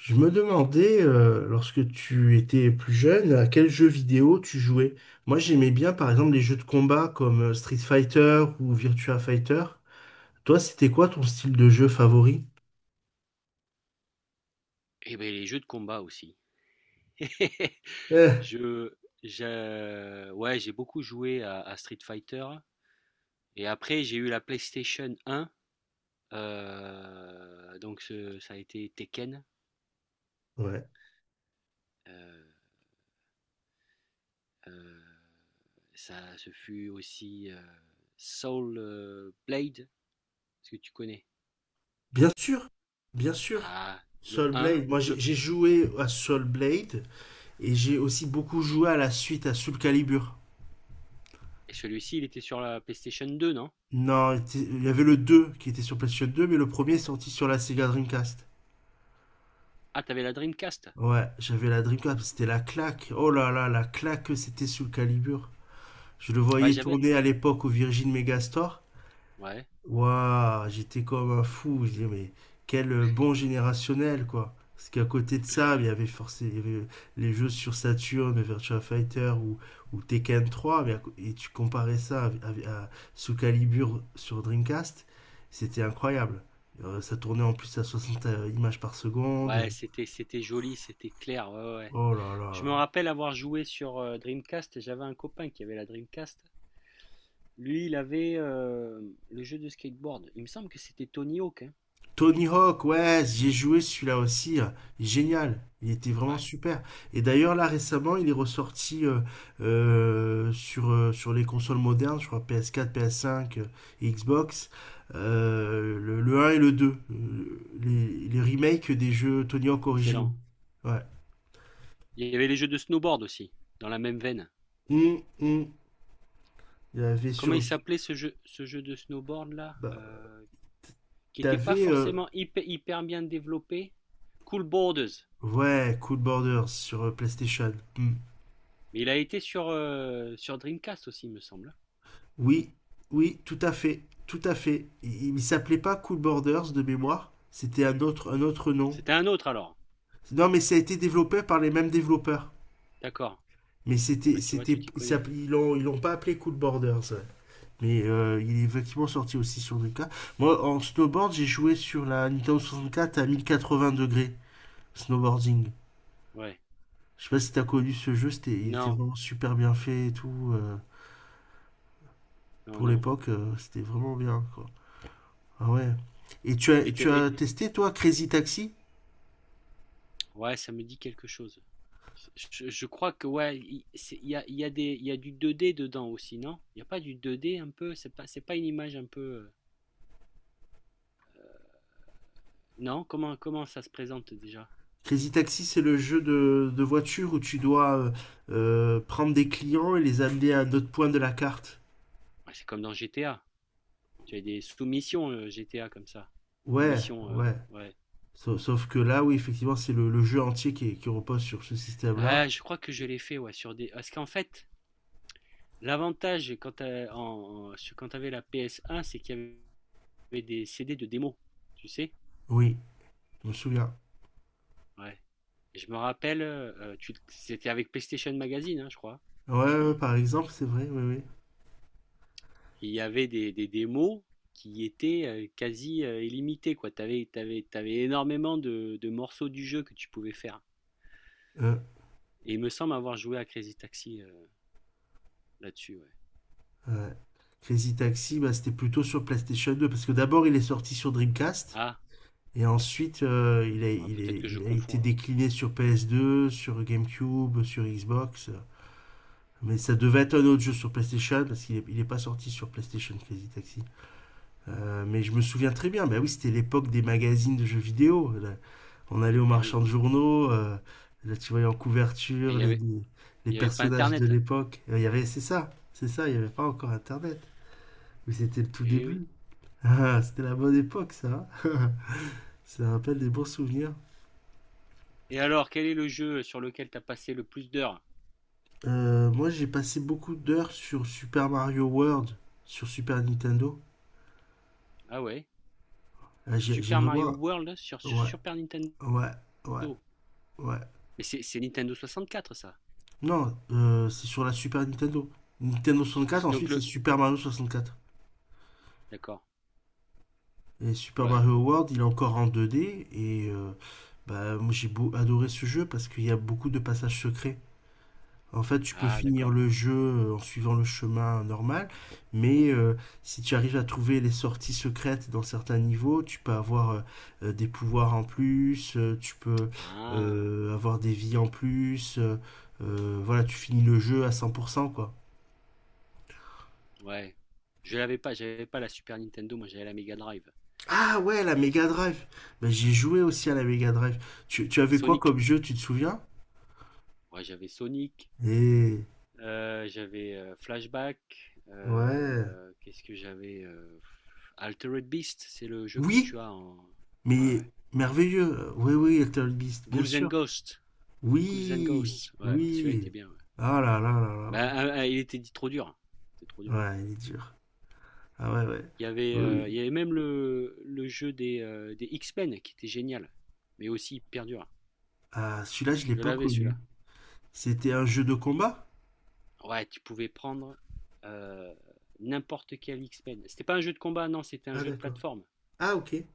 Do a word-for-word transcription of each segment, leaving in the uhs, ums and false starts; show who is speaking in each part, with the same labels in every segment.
Speaker 1: Je me demandais, euh, lorsque tu étais plus jeune, à quels jeux vidéo tu jouais. Moi, j'aimais bien, par exemple, les jeux de combat comme euh, Street Fighter ou Virtua Fighter. Toi, c'était quoi ton style de jeu favori?
Speaker 2: Et ben les jeux de combat aussi.
Speaker 1: Euh,
Speaker 2: Je, je- ouais, j'ai beaucoup joué à, à Street Fighter. Et après, j'ai eu la PlayStation un. Euh, donc, ce- ça a été Tekken.
Speaker 1: ouais.
Speaker 2: Euh, euh, ça, Ce fut aussi euh, Soul euh, Blade. Est-ce que tu connais?
Speaker 1: Bien sûr, bien sûr.
Speaker 2: Ah, le
Speaker 1: Soul
Speaker 2: un.
Speaker 1: Blade. Moi,
Speaker 2: Donc,
Speaker 1: j'ai
Speaker 2: le,
Speaker 1: j'ai joué à Soul Blade et j'ai aussi beaucoup joué à la suite à Soul Calibur.
Speaker 2: et celui-ci, il était sur la PlayStation deux, non?
Speaker 1: Non, il était- il y avait le deux qui était sur PlayStation deux, mais le premier est sorti sur la Sega Dreamcast.
Speaker 2: Ah, t'avais la Dreamcast.
Speaker 1: Ouais, j'avais la Dreamcast, c'était la claque. Oh là là, la claque que c'était sous le Calibur. Je le
Speaker 2: Ouais,
Speaker 1: voyais
Speaker 2: j'avais.
Speaker 1: tourner à l'époque au Virgin Megastore.
Speaker 2: Ouais.
Speaker 1: Waouh, j'étais comme un fou. Je disais, mais quel euh, bon générationnel, quoi. Parce qu'à côté de ça, il y avait forcément les jeux sur Saturn, Virtua Fighter ou, ou Tekken trois. Mais à co- et tu comparais ça à, à- à sous Calibur sur Dreamcast, c'était incroyable. Euh, ça tournait en plus à soixante images par
Speaker 2: Ouais,
Speaker 1: seconde.
Speaker 2: c'était, c'était joli, c'était clair. Ouais, ouais, ouais.
Speaker 1: Oh là
Speaker 2: Je me
Speaker 1: là.
Speaker 2: rappelle avoir joué sur euh, Dreamcast, et j'avais un copain qui avait la Dreamcast. Lui, il avait euh, le jeu de skateboard. Il me semble que c'était Tony Hawk, hein.
Speaker 1: Tony Hawk, ouais, j'ai joué celui-là aussi. euh, Génial. Il était vraiment
Speaker 2: Ouais,
Speaker 1: super. Et d'ailleurs, là, récemment, il est ressorti euh, euh, sur, euh, sur les consoles modernes, je crois P S quatre, P S cinq, euh, et Xbox, euh, le, le un et le deux euh, les, les remakes des jeux Tony Hawk originaux.
Speaker 2: excellent.
Speaker 1: Ouais.
Speaker 2: Il y avait les jeux de snowboard aussi, dans la même veine.
Speaker 1: Hum, hum. Il y avait
Speaker 2: Comment
Speaker 1: sur...
Speaker 2: il s'appelait ce jeu, ce jeu de snowboard là,
Speaker 1: Bah,
Speaker 2: euh, qui n'était pas
Speaker 1: t'avais... euh,
Speaker 2: forcément hyper, hyper bien développé. Cool Borders.
Speaker 1: ouais, Cool Borders sur euh, PlayStation. Hum.
Speaker 2: Mais il a été sur, euh, sur Dreamcast aussi, il me semble, hein.
Speaker 1: Oui, oui, tout à fait, tout à fait. Il, il s'appelait pas Cool Borders de mémoire. C'était un autre, un autre nom.
Speaker 2: C'était un autre alors.
Speaker 1: Non, mais ça a été développé par les mêmes développeurs.
Speaker 2: D'accord.
Speaker 1: Mais
Speaker 2: Bah,
Speaker 1: c'était,
Speaker 2: tu vois, tu
Speaker 1: c'était,
Speaker 2: t'y
Speaker 1: ils
Speaker 2: connais.
Speaker 1: s'appelaient- ils l'ont, ils l'ont pas appelé Cool Borders. Ouais. Mais euh, il est effectivement sorti aussi sur Dreamcast. Moi, en snowboard, j'ai joué sur la Nintendo soixante-quatre à mille quatre-vingts degrés snowboarding.
Speaker 2: Ouais.
Speaker 1: Je sais pas si t'as connu ce jeu, c'était, il était
Speaker 2: Non,
Speaker 1: vraiment super bien fait et tout. Euh,
Speaker 2: non,
Speaker 1: pour
Speaker 2: non.
Speaker 1: l'époque, euh, c'était vraiment bien, quoi. Ah ouais. Et tu as,
Speaker 2: Et,
Speaker 1: tu
Speaker 2: et-
Speaker 1: as testé, toi, Crazy Taxi?
Speaker 2: Ouais, ça me dit quelque chose. Je, je crois que ouais, il c'est- il y a, il y a des, il y a du deux D dedans aussi, non? Il n'y a pas du deux D un peu? C'est pas, c'est pas une image un peu, euh, non? Comment, comment ça se présente déjà?
Speaker 1: Crazy Taxi, c'est le jeu de, de voiture où tu dois euh, euh, prendre des clients et les amener à un autre point de la carte.
Speaker 2: Ouais, c'est comme dans G T A. Tu as des sous-missions euh, G T A comme ça. Des
Speaker 1: Ouais,
Speaker 2: missions, euh,
Speaker 1: ouais.
Speaker 2: ouais.
Speaker 1: Sauf, sauf que là, oui, effectivement, c'est le, le jeu entier qui, est- qui repose sur ce système-là.
Speaker 2: Ah, je crois que je l'ai fait, ouais, sur des. Parce qu'en fait, l'avantage quand t'as- en, en- sur- quand t'avais la P S un, c'est qu'il y avait des C D de démo, tu sais?
Speaker 1: Oui, je me souviens.
Speaker 2: Ouais. Et je me rappelle, euh, tu- c'était avec PlayStation Magazine, hein, je crois.
Speaker 1: Ouais, ouais, par exemple, c'est vrai, oui, oui.
Speaker 2: Il y avait des, des démos qui étaient euh, quasi euh, illimitées, quoi. Tu avais t'avais, t'avais énormément de, de morceaux du jeu que tu pouvais faire.
Speaker 1: Euh,
Speaker 2: Et il me semble avoir joué à Crazy Taxi euh, là-dessus, ouais.
Speaker 1: ouais. Crazy Taxi, bah, c'était plutôt sur PlayStation deux, parce que d'abord, il est sorti sur Dreamcast.
Speaker 2: Ah,
Speaker 1: Et ensuite, euh, il a,
Speaker 2: ah,
Speaker 1: il
Speaker 2: peut-être
Speaker 1: est-
Speaker 2: que je
Speaker 1: il a
Speaker 2: confonds
Speaker 1: été
Speaker 2: alors.
Speaker 1: décliné sur P S deux, sur GameCube, sur Xbox. Mais ça devait être un autre jeu sur PlayStation, parce qu'il n'est il est pas sorti sur PlayStation Crazy Taxi. Euh, mais je me souviens très bien, bah oui, c'était l'époque des magazines de jeux vidéo. Là, on allait aux
Speaker 2: Eh
Speaker 1: marchands
Speaker 2: oui.
Speaker 1: de journaux, euh, là tu voyais en
Speaker 2: Et il
Speaker 1: couverture
Speaker 2: y
Speaker 1: les,
Speaker 2: avait,
Speaker 1: les
Speaker 2: il y avait pas
Speaker 1: personnages de
Speaker 2: Internet.
Speaker 1: l'époque. Euh, Il y avait, c'est ça, c'est ça, il n'y avait pas encore Internet. Mais c'était le tout
Speaker 2: Eh oui.
Speaker 1: début. Ah, c'était la bonne époque, ça. hein. Ça rappelle des bons souvenirs.
Speaker 2: Et alors, quel est le jeu sur lequel t'as passé le plus d'heures?
Speaker 1: Euh, moi, j'ai passé beaucoup d'heures sur Super Mario World, sur Super Nintendo.
Speaker 2: Ah ouais.
Speaker 1: Euh, j'ai j'ai
Speaker 2: Super Mario
Speaker 1: vraiment...
Speaker 2: World sur, sur
Speaker 1: Ouais,
Speaker 2: Super Nintendo.
Speaker 1: ouais, ouais,
Speaker 2: Mais
Speaker 1: ouais.
Speaker 2: c'est, c'est Nintendo soixante-quatre ça.
Speaker 1: Non, euh, c'est sur la Super Nintendo. Nintendo soixante-quatre,
Speaker 2: Donc
Speaker 1: ensuite c'est
Speaker 2: le.
Speaker 1: Super Mario soixante-quatre.
Speaker 2: D'accord.
Speaker 1: Et Super
Speaker 2: Ouais.
Speaker 1: Mario World, il est encore en deux D. Et euh, bah, moi, j'ai beau- adoré ce jeu parce qu'il y a beaucoup de passages secrets. En fait, tu peux
Speaker 2: Ah,
Speaker 1: finir
Speaker 2: d'accord.
Speaker 1: le jeu euh, en suivant le chemin normal, mais euh, si tu arrives à trouver les sorties secrètes dans certains niveaux, tu peux avoir euh, euh, des pouvoirs en plus, euh, tu peux
Speaker 2: Ah.
Speaker 1: euh, avoir des vies en plus. Euh, euh, voilà, tu finis le jeu à cent pour cent, quoi.
Speaker 2: Ouais. Je l'avais pas, j'avais pas la Super Nintendo, moi j'avais la Mega Drive.
Speaker 1: Ah ouais, la Mega Drive. Ben, j'ai joué aussi à la Mega Drive. Tu, tu avais quoi
Speaker 2: Sonic.
Speaker 1: comme jeu, tu te souviens?
Speaker 2: Ouais, j'avais Sonic.
Speaker 1: Eh,
Speaker 2: Euh, j'avais euh, Flashback.
Speaker 1: ouais.
Speaker 2: Euh, qu'est-ce que j'avais, euh, Altered Beast, c'est le jeu que
Speaker 1: Oui,
Speaker 2: tu as en. Ouais,
Speaker 1: mais
Speaker 2: ouais.
Speaker 1: merveilleux. Oui, oui, Little Beast, bien
Speaker 2: Ghouls and
Speaker 1: sûr.
Speaker 2: Ghosts. Ghouls and
Speaker 1: Oui,
Speaker 2: Ghosts. Ouais, celui-là
Speaker 1: oui.
Speaker 2: était bien, ouais.
Speaker 1: Ah là là là là. Ouais,
Speaker 2: Bah, euh, euh, il était dit trop dur. C'était trop dur.
Speaker 1: Ouais, il est dur. Ah ouais, ouais.
Speaker 2: Il y avait,
Speaker 1: Oui,
Speaker 2: euh, il
Speaker 1: oui.
Speaker 2: y avait même le, le jeu des, euh, des X-Men qui était génial, mais aussi hyper dur.
Speaker 1: Ah, celui-là, je l'ai
Speaker 2: Je
Speaker 1: pas
Speaker 2: l'avais
Speaker 1: connu.
Speaker 2: celui-là.
Speaker 1: C'était un jeu de combat?
Speaker 2: Ouais, tu pouvais prendre euh, n'importe quel X-Men. C'était pas un jeu de combat, non, c'était un
Speaker 1: Ah
Speaker 2: jeu de
Speaker 1: d'accord.
Speaker 2: plateforme.
Speaker 1: Ah ok.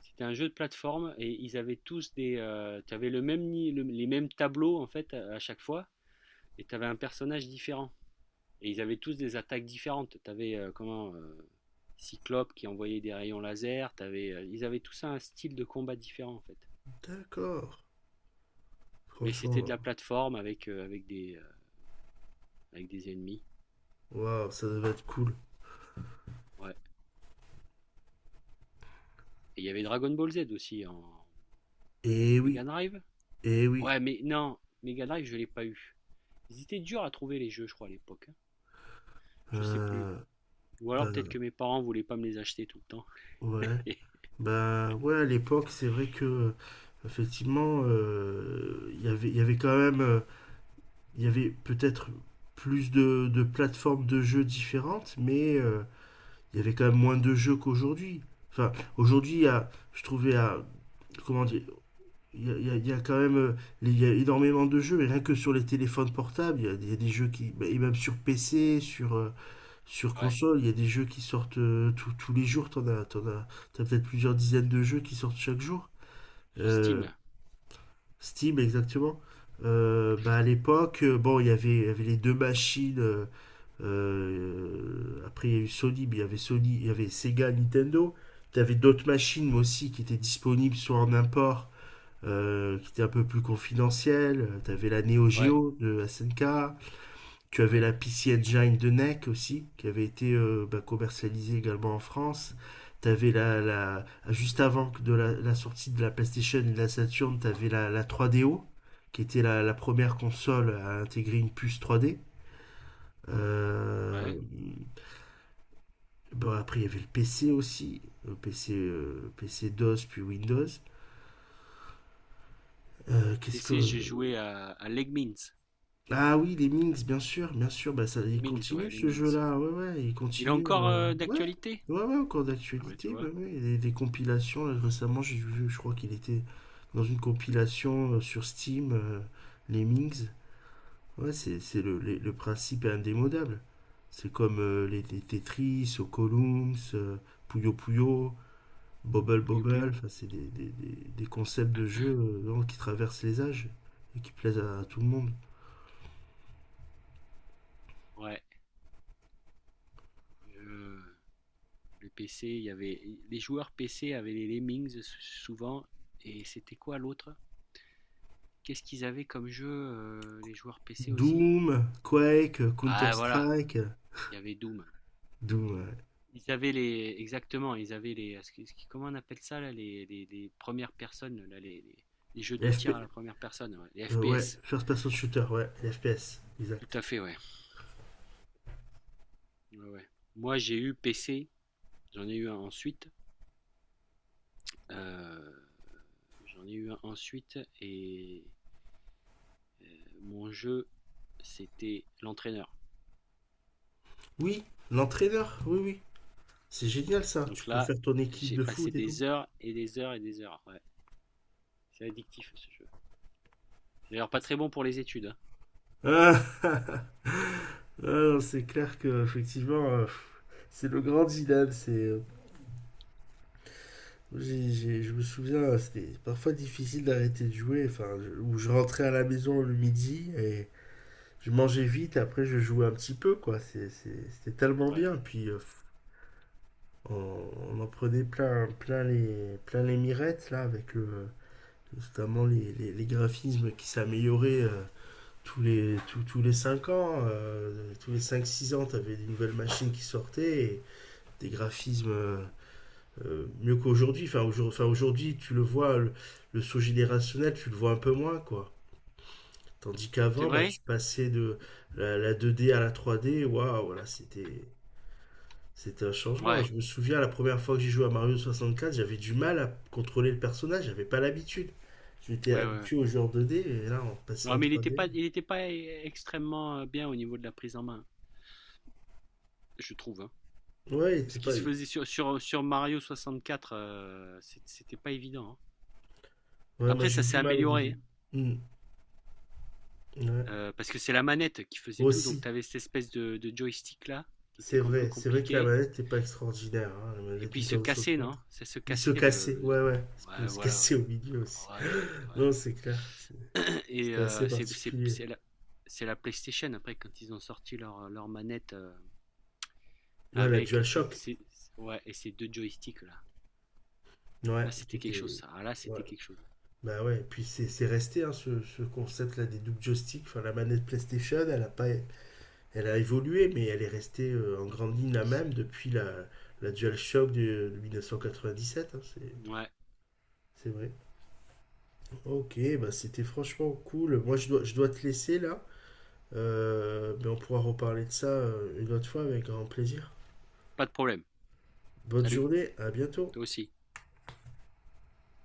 Speaker 2: C'était un jeu de plateforme et ils avaient tous des. Euh, tu avais le même, le- les mêmes tableaux en fait à, à chaque fois et tu avais un personnage différent. Et ils avaient tous des attaques différentes. Tu avais euh, comment, euh, Cyclope qui envoyait des rayons laser. T'avais, euh, ils avaient tous un style de combat différent en fait.
Speaker 1: D'accord.
Speaker 2: Mais c'était de
Speaker 1: Franchement,
Speaker 2: la plateforme avec, euh, avec, des, euh, avec des ennemis.
Speaker 1: waouh, ça devait être cool.
Speaker 2: Ouais. Et il y avait Dragon Ball Z aussi en
Speaker 1: Eh
Speaker 2: Mega
Speaker 1: oui,
Speaker 2: Drive.
Speaker 1: eh oui.
Speaker 2: Ouais, mais non, Mega Drive, je l'ai pas eu. Ils étaient durs à trouver les jeux, je crois, à l'époque, hein. Je sais plus.
Speaker 1: Euh,
Speaker 2: Ou alors peut-être
Speaker 1: ben
Speaker 2: que mes parents voulaient pas me les acheter tout le temps.
Speaker 1: ouais. Ben ouais, à l'époque, c'est vrai que euh, effectivement, euh, il y avait, il y avait quand même, euh, il y avait peut-être plus de, de plateformes de jeux différentes, mais euh, il y avait quand même moins de jeux qu'aujourd'hui. Enfin, aujourd'hui, il y a- je trouvais à. Comment dire, il y, a, il y a- il y a quand même euh, il y a énormément de jeux, mais rien que sur les téléphones portables, il y a, il y a des jeux qui. Et même sur P C, sur, euh, sur
Speaker 2: Ouais,
Speaker 1: console, il y a des jeux qui sortent euh, tous tous les jours. T'en as, t'en as, t'as peut-être plusieurs dizaines de jeux qui sortent chaque jour.
Speaker 2: sur
Speaker 1: Euh,
Speaker 2: Steam.
Speaker 1: Steam, exactement. Euh, bah, à l'époque, euh, bon, il y avait, il y avait les deux machines. Euh, euh, après, il y a eu Sony, mais il y avait Sony, il y avait Sega, Nintendo. Tu avais d'autres machines aussi qui étaient disponibles soit en import, euh, qui étaient un peu plus confidentielles. Tu avais la Neo
Speaker 2: Ouais,
Speaker 1: Geo de S N K. Tu avais
Speaker 2: ouais,
Speaker 1: la P C Engine de nèc aussi, qui avait été euh, bah, commercialisée également en France. Tu avais la, la, juste avant de la, la, sortie de la PlayStation et de la Saturn, tu avais la, la trois D O, qui était la, la première console à intégrer une puce trois D. Euh,
Speaker 2: ouais.
Speaker 1: Bon, après, il y avait le PC aussi. Le PC, euh, PC DOS, puis Windows. Euh, Qu'est-ce
Speaker 2: P C, j'ai
Speaker 1: que.
Speaker 2: joué à, à Lemmings.
Speaker 1: Ah oui, les Minx, bien sûr, bien sûr. Bah, ça, il
Speaker 2: Lemmings, ouais,
Speaker 1: continue ce
Speaker 2: Lemmings.
Speaker 1: jeu-là. Ouais, ouais, il
Speaker 2: Il est
Speaker 1: continue.
Speaker 2: encore
Speaker 1: euh,
Speaker 2: euh,
Speaker 1: Ouais,
Speaker 2: d'actualité?
Speaker 1: ouais, ouais, encore
Speaker 2: Ah ouais, tu
Speaker 1: d'actualité. Ouais,
Speaker 2: vois,
Speaker 1: ouais. Et Les, les compilations, là, récemment, j'ai vu, je crois qu'il était dans une compilation euh, sur Steam, euh, les Minx. Ouais, c'est c'est le, les- le principe est indémodable. C'est comme euh, les, les Tetris, Ocoloums, euh, Puyo Puyo. Bobble
Speaker 2: Puyo
Speaker 1: Bobble,
Speaker 2: Puyo.
Speaker 1: enfin, c'est des, des, des- des concepts de jeu euh, vraiment qui traversent les âges et qui plaisent à, à tout le monde.
Speaker 2: Ouais. Euh, le P C, il y avait les joueurs P C avaient les Lemmings s- souvent. Et c'était quoi l'autre? Qu'est-ce qu'ils avaient comme jeu, euh, les joueurs P C aussi?
Speaker 1: Doom, Quake, euh,
Speaker 2: Ah voilà,
Speaker 1: Counter-Strike, euh,
Speaker 2: il y avait Doom.
Speaker 1: Doom, ouais.
Speaker 2: Ils avaient les exactement, ils avaient les ce qui- ce qui- comment on appelle ça là, les, les- les premières personnes là, les, les- les jeux de
Speaker 1: Les
Speaker 2: tir
Speaker 1: F P...
Speaker 2: à la première personne, ouais, les
Speaker 1: euh, ouais,
Speaker 2: F P S.
Speaker 1: First Person Shooter, ouais, les F P S,
Speaker 2: Tout
Speaker 1: exact.
Speaker 2: à fait, ouais. Ouais, ouais. Moi, j'ai eu P C, j'en ai eu un ensuite, euh, j'en ai eu un ensuite et euh, mon jeu c'était l'entraîneur.
Speaker 1: Oui, l'entraîneur, oui, oui. C'est génial ça, tu
Speaker 2: Donc
Speaker 1: peux
Speaker 2: là,
Speaker 1: faire ton équipe
Speaker 2: j'ai
Speaker 1: de
Speaker 2: passé
Speaker 1: foot et tout.
Speaker 2: des heures et des heures et des heures. Ouais, c'est addictif ce jeu. C'est d'ailleurs pas très bon pour les études, hein.
Speaker 1: Ah, ah non, c'est clair que effectivement, euh, c'est le grand dilemme. C'est euh, J'ai- j'ai- je me souviens, c'était parfois difficile d'arrêter de jouer. Enfin, je- où je rentrais à la maison le midi et je mangeais vite. Après, je jouais un petit peu, quoi. C'est- c'est- C'était tellement
Speaker 2: Ouais.
Speaker 1: bien. Puis euh, on, on en prenait plein, plein les, plein les mirettes là, avec le, notamment les, les, les graphismes qui s'amélioraient euh, tous les, tous, tous les cinq ans. Euh, tous les cinq six ans, t'avais des nouvelles machines qui sortaient. Et des graphismes euh, euh, mieux qu'aujourd'hui. Enfin, aujourd'hui, enfin, aujourd'hui, tu le vois, le, le saut générationnel, tu le vois un peu moins, quoi. Tandis
Speaker 2: C'est
Speaker 1: qu'avant, bah, tu
Speaker 2: vrai?
Speaker 1: passais de la, la deux D à la trois D, waouh, voilà, c'était, c'était un changement.
Speaker 2: Ouais.
Speaker 1: Je me souviens, la première fois que j'ai joué à Mario soixante quatre, j'avais du mal à contrôler le personnage, j'avais pas l'habitude. J'étais
Speaker 2: Ouais, ouais, ouais.
Speaker 1: habitué au genre deux D, et là, on passait
Speaker 2: Non,
Speaker 1: en
Speaker 2: mais il n'était pas,
Speaker 1: trois D.
Speaker 2: il était pas e- extrêmement euh, bien au niveau de la prise en main, je trouve, hein.
Speaker 1: Ouais, c'était
Speaker 2: Ce qui
Speaker 1: pas...
Speaker 2: se faisait sur, sur, sur Mario soixante-quatre, euh, c'est- c'était pas évident, hein.
Speaker 1: Ouais, moi
Speaker 2: Après,
Speaker 1: j'ai
Speaker 2: ça
Speaker 1: eu
Speaker 2: s'est
Speaker 1: du mal au
Speaker 2: amélioré,
Speaker 1: début.
Speaker 2: hein,
Speaker 1: Hmm, ouais.
Speaker 2: euh, parce que c'est la manette qui faisait tout, donc tu
Speaker 1: Aussi,
Speaker 2: avais cette espèce de, de joystick là, qui était
Speaker 1: c'est
Speaker 2: un peu
Speaker 1: vrai, c'est vrai que la
Speaker 2: compliqué.
Speaker 1: manette n'est pas extraordinaire, hein, la
Speaker 2: Et
Speaker 1: manette
Speaker 2: puis il se
Speaker 1: Nintendo
Speaker 2: cassait,
Speaker 1: soixante-quatre.
Speaker 2: non? Ça se
Speaker 1: Il se
Speaker 2: cassait
Speaker 1: cassait,
Speaker 2: le,
Speaker 1: ouais,
Speaker 2: le-
Speaker 1: ouais. Il pouvait
Speaker 2: Ouais,
Speaker 1: se
Speaker 2: voilà,
Speaker 1: casser
Speaker 2: ouais.
Speaker 1: au milieu aussi.
Speaker 2: Ouais, ouais,
Speaker 1: Non, c'est clair. C'est-
Speaker 2: ouais. Et
Speaker 1: C'était
Speaker 2: euh,
Speaker 1: assez
Speaker 2: c'est c'est-
Speaker 1: particulier.
Speaker 2: c'est la, c'est la PlayStation après, quand ils ont sorti leur, leur manette, euh,
Speaker 1: Ouais, la
Speaker 2: avec ces,
Speaker 1: DualShock.
Speaker 2: ces- ouais, et ces deux joysticks là.
Speaker 1: Ouais,
Speaker 2: Là,
Speaker 1: qui
Speaker 2: c'était quelque chose,
Speaker 1: était.
Speaker 2: ça. Ah, là,
Speaker 1: Ouais.
Speaker 2: c'était quelque chose.
Speaker 1: Bah ouais, et puis c'est c'est resté hein, ce, ce concept-là des double joysticks. Enfin, la manette PlayStation, elle a pas, elle a évolué, mais elle est restée euh, en grande ligne la même depuis la, la DualShock de, de mille neuf cent quatre-vingt-dix-sept. Hein, c'est
Speaker 2: Ouais,
Speaker 1: c'est vrai. Ok, bah c'était franchement cool. Moi, je dois, je dois te laisser là. Euh, mais on pourra reparler de ça euh, une autre fois avec grand plaisir.
Speaker 2: pas de problème.
Speaker 1: Bonne
Speaker 2: Salut,
Speaker 1: journée, à bientôt.
Speaker 2: toi aussi.